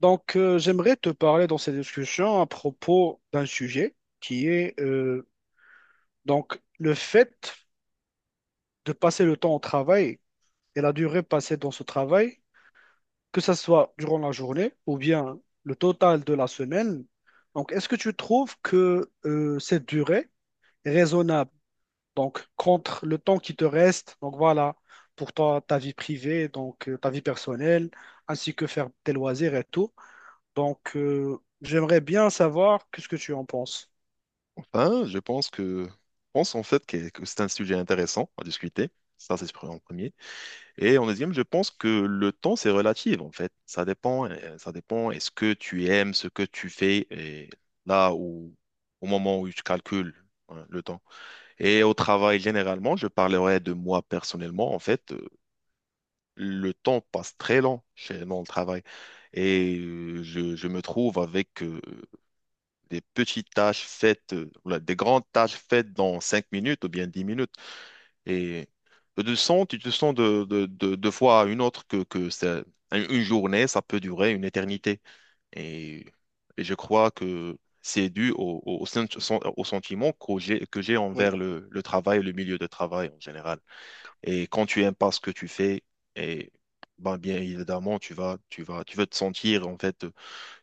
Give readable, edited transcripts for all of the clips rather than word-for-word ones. Donc, j'aimerais te parler dans cette discussion à propos d'un sujet qui est donc le fait de passer le temps au travail et la durée passée dans ce travail, que ce soit durant la journée ou bien le total de la semaine. Donc, est-ce que tu trouves que cette durée est raisonnable, donc contre le temps qui te reste, donc voilà, pour toi, ta vie privée, ta vie personnelle, ainsi que faire tes loisirs et tout. Donc, j'aimerais bien savoir qu'est-ce que tu en penses. Ben, je pense en fait que c'est un sujet intéressant à discuter. Ça, c'est en premier. Et en deuxième, je pense que le temps, c'est relatif, en fait. Ça dépend. Est-ce que tu aimes ce que tu fais et là où, au moment où tu calcules, hein, le temps. Et au travail, généralement, je parlerai de moi personnellement. En fait, le temps passe très lent dans le travail. Et je me trouve avec des grandes tâches faites dans 5 minutes ou bien 10 minutes. Et tu te sens de fois à une autre une journée, ça peut durer une éternité. Et, et je crois que c'est dû au sentiment que j'ai Oui, envers le travail, le milieu de travail en général. Et quand tu aimes pas ce que tu fais, et ben, bien évidemment, tu vas te sentir en fait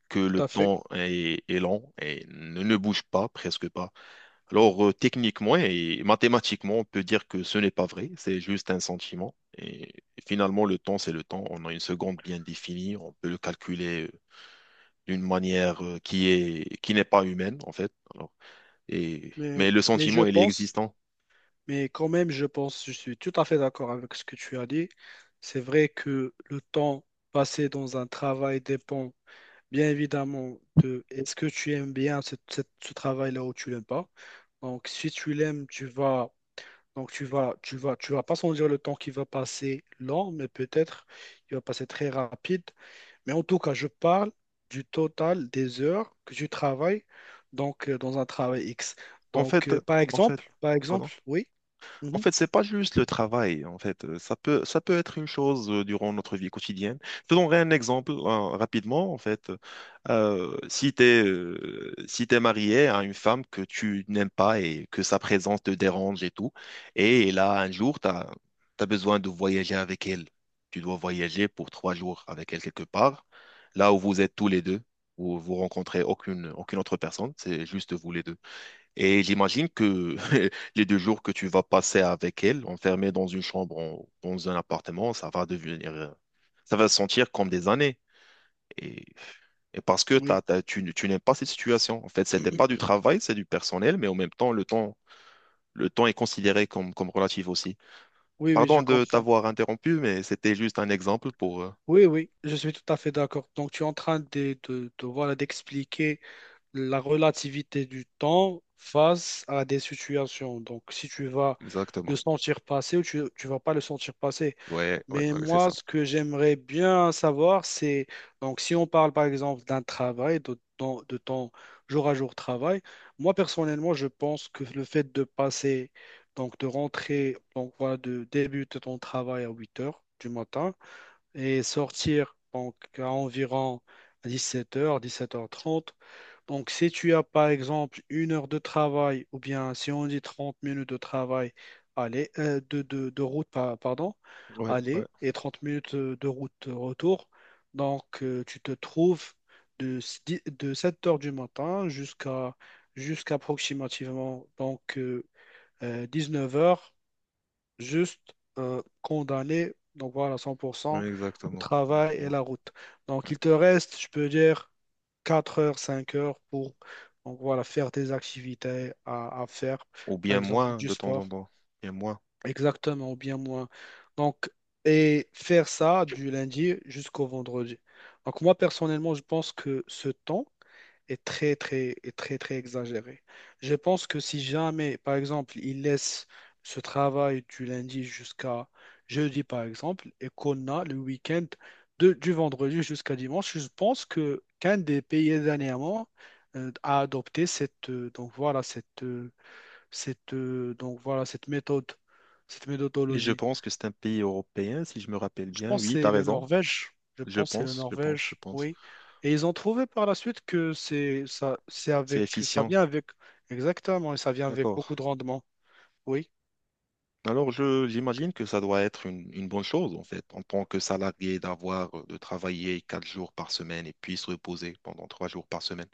que tout le à fait. temps est lent et ne bouge pas, presque pas. Alors, techniquement et mathématiquement, on peut dire que ce n'est pas vrai, c'est juste un sentiment. Et finalement, le temps, c'est le temps. On a une seconde bien définie, on peut le calculer d'une manière qui n'est pas humaine, en fait. Alors, Mais, mais le mais je sentiment, il est pense, existant. mais quand même, je suis tout à fait d'accord avec ce que tu as dit. C'est vrai que le temps passé dans un travail dépend bien évidemment de est-ce que tu aimes bien ce, ce travail-là ou tu l'aimes pas. Donc, si tu l'aimes, donc tu vas pas sentir le temps qui va passer lent, mais peut-être il va passer très rapide. Mais en tout cas, je parle du total des heures que tu travailles donc, dans un travail X. En Donc, fait, en fait, par pardon. exemple, oui, En mhm, fait, c'est pas juste le travail. En fait, ça peut être une chose durant notre vie quotidienne. Je te donnerai un exemple rapidement. En fait, si tu es, si t'es marié à une femme que tu n'aimes pas et que sa présence te dérange et tout, et là, un jour, tu as besoin de voyager avec elle. Tu dois voyager pour 3 jours avec elle quelque part, là où vous êtes tous les deux, où vous rencontrez aucune autre personne, c'est juste vous les deux. Et j'imagine que les 2 jours que tu vas passer avec elle, enfermée dans une chambre, dans un appartement, ça va sentir comme des années. Et, et parce que oui, tu n'aimes pas cette situation. En fait, c'était pas du travail, c'est du personnel, mais en même temps, le temps est considéré comme relatif aussi. oui, oui, Pardon je de comprends. t'avoir interrompu, mais c'était juste un exemple pour. Oui, oui, je suis tout à fait d'accord. Donc, tu es en train de, voilà, d'expliquer la relativité du temps face à des situations. Donc, si tu vas le Exactement. sentir passer ou tu ne vas pas le sentir passer. Ouais, ouais, Mais ouais, c'est moi, ça. ce que j'aimerais bien savoir, c'est, donc si on parle par exemple d'un travail, de ton jour à jour travail, moi personnellement, je pense que le fait de passer, donc de rentrer, donc voilà, de débuter ton travail à 8 heures du matin, et sortir donc à environ 17h, 17h30. Donc si tu as par exemple une heure de travail ou bien si on dit 30 minutes de travail, aller, de route, pardon, Ouais, ouais, aller et 30 minutes de route retour, tu te trouves de 7h du matin jusqu'à approximativement donc 19h juste condamné, donc voilà, ouais, 100% au exactement, travail et exactement. la route. Donc il te reste, je peux dire, 4 heures, 5 heures pour donc, voilà, faire tes activités à faire, Ou par bien exemple moins du de temps en sport. temps. Bien moins. Exactement, ou bien moins. Donc, et faire ça du lundi jusqu'au vendredi. Donc, moi, personnellement, je pense que ce temps est très, très exagéré. Je pense que si jamais, par exemple, il laisse ce travail du lundi jusqu'à jeudi, par exemple, et qu'on a le week-end de, du vendredi jusqu'à dimanche, je pense que qu'un des pays dernièrement a adopté cette, donc voilà, cette, cette, donc voilà, cette méthode, cette Et je méthodologie. pense que c'est un pays européen, si je me rappelle Je bien. pense que Oui, tu c'est as le raison. Norvège. Je Je pense que c'est le pense, je pense, je Norvège, pense. oui. Et ils ont trouvé par la suite que c'est ça, c'est C'est avec, ça efficient. vient avec, exactement, et ça vient avec D'accord. beaucoup de rendement. Oui, Alors, j'imagine que ça doit être une bonne chose, en fait, en tant que salarié, de travailler 4 jours par semaine et puis se reposer pendant 3 jours par semaine.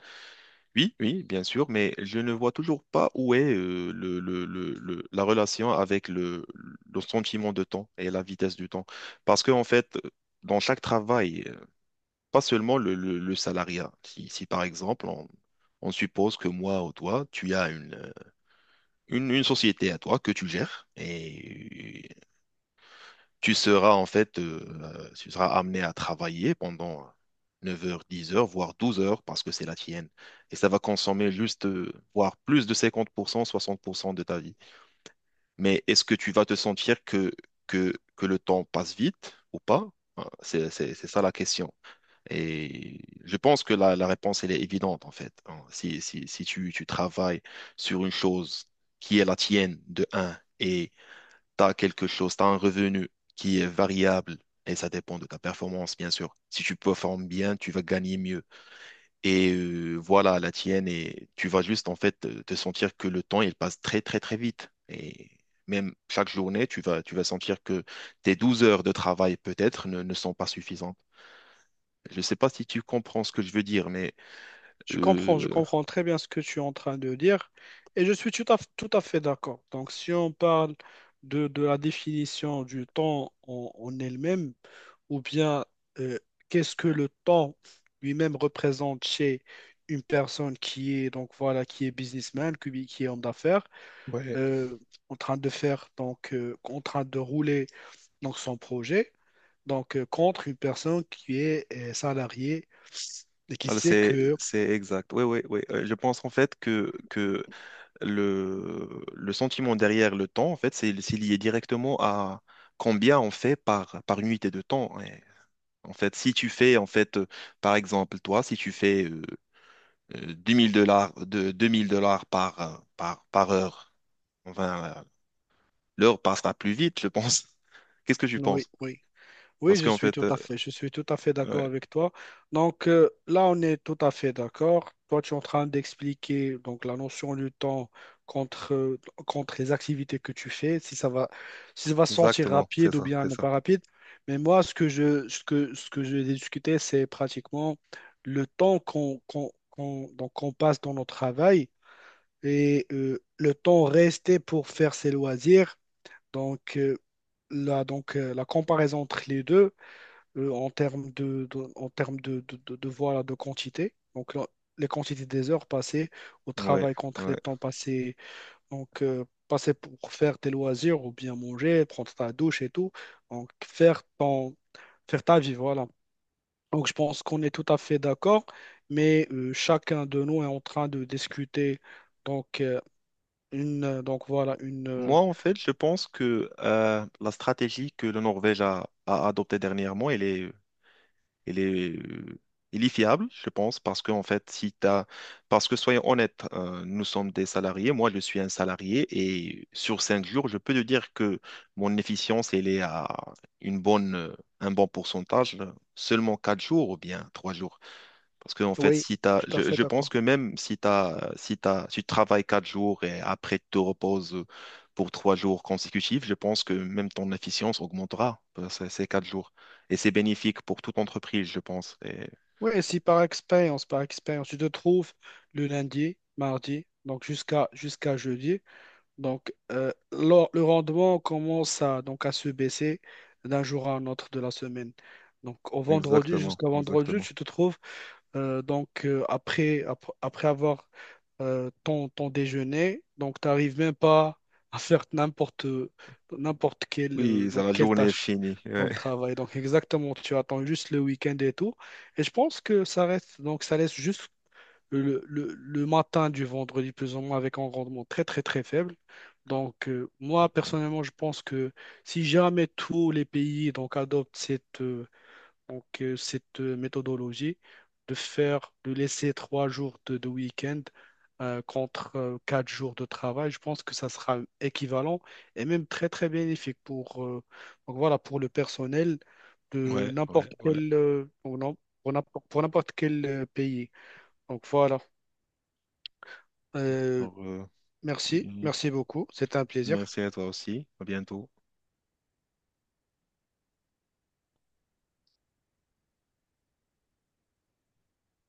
Oui, oui, bien sûr, mais je ne vois toujours pas où est, la relation avec le sentiment de temps et la vitesse du temps. Parce que, en fait, dans chaque travail, pas seulement le salariat. Si, par exemple, on suppose que moi ou toi, tu as une société à toi que tu gères et tu seras amené à travailler pendant 9 heures, 10 heures, voire 12 heures parce que c'est la tienne. Et ça va consommer juste, voire plus de 50%, 60% de ta vie. Mais est-ce que tu vas te sentir que le temps passe vite ou pas? C'est ça la question. Et je pense que la réponse, elle est évidente, en fait, hein. Si tu travailles sur une chose qui est la tienne, de un, et tu as un revenu qui est variable, et ça dépend de ta performance, bien sûr. Si tu performes bien, tu vas gagner mieux. Et voilà, la tienne, et tu vas juste, en fait, te sentir que le temps, il passe très, très, très vite. Et même chaque journée, tu vas sentir que tes 12 heures de travail, peut-être, ne sont pas suffisantes. Je ne sais pas si tu comprends ce que je veux dire, mais je comprends, je euh, comprends très bien ce que tu es en train de dire et je suis tout à, tout à fait d'accord. Donc, si on parle de la définition du temps en, en elle-même, ou bien euh, qu'est-ce que le temps lui-même représente chez une personne qui est donc voilà qui est businessman, qui est homme d'affaires, Ouais. euh, en train de faire en train de rouler donc son projet, contre une personne qui est salariée et qui Voilà, sait c'est, que c'est exact. Oui, oui, oui. Je pense en fait que le sentiment derrière le temps, en fait, c'est lié directement à combien on fait par unité de temps. Et en fait, si tu fais, en fait, par exemple, toi, si tu fais 2000 dollars, de 2 000 $ par heure. Enfin, l'heure passera plus vite, je pense. Qu'est-ce que tu oui, penses? oui, oui, Parce je qu'en suis fait, tout à fait, je suis tout à fait d'accord ouais, avec toi. Là, on est tout à fait d'accord. Toi, tu es en train d'expliquer donc la notion du temps contre, contre les activités que tu fais, si ça va, si ça va se sentir exactement, c'est rapide ou ça, bien c'est non ça. pas rapide. Mais moi, ce que je, ce que j'ai discuté, c'est pratiquement le temps donc qu'on passe dans notre travail et le temps resté pour faire ses loisirs. Donc euh, là, la comparaison entre les deux en termes de, en termes de, voilà, de quantité. Donc, là, les quantités des heures passées au Ouais, travail contre les ouais. temps passés, passer pour faire tes loisirs ou bien manger, prendre ta douche et tout. Donc, faire ton, faire ta vie, voilà. Donc, je pense qu'on est tout à fait d'accord, mais chacun de nous est en train de discuter. Donc, une, donc voilà, une. Moi, en fait, je pense que la stratégie que la Norvège a adoptée dernièrement, elle est il est, il est fiable, je pense, parce que, en fait, si t'as, parce que soyons honnêtes, nous sommes des salariés, moi je suis un salarié, et sur 5 jours, je peux te dire que mon efficience, elle est à un bon pourcentage, seulement 4 jours ou bien 3 jours. Parce que, en fait, Oui, si t'as, tout à fait je pense d'accord. que même si tu travailles 4 jours et après tu te reposes pour 3 jours consécutifs, je pense que même ton efficience augmentera par ces 4 jours. Et c'est bénéfique pour toute entreprise, je pense. Oui, si par expérience, par expérience, tu te trouves le lundi, mardi, donc jusqu'à jeudi, le rendement commence à, donc à se baisser d'un jour à un autre de la semaine. Donc au vendredi, Exactement, jusqu'à vendredi, exactement. tu te trouves après, après avoir ton déjeuner, donc tu n'arrives même pas à faire n'importe quelle, Oui, c'est la quelle journée est tâche finie. dans Ouais, le travail. Donc, exactement, tu attends juste le week-end et tout. Et je pense que ça reste, donc, ça laisse juste le matin du vendredi, plus ou moins, avec un rendement très, très, très faible. Donc, moi, personnellement, je pense que si jamais tous les pays donc, adoptent cette, donc cette méthodologie de faire, de laisser 3 jours de week-end contre 4 jours de travail, je pense que ça sera équivalent et même très très bénéfique pour, donc voilà, pour le personnel de ouais, n'importe ouais, ouais. quel pour n'importe quel pays. Donc voilà. euh, Donc, Merci, oui, merci beaucoup. C'était un plaisir. merci à toi aussi. À bientôt.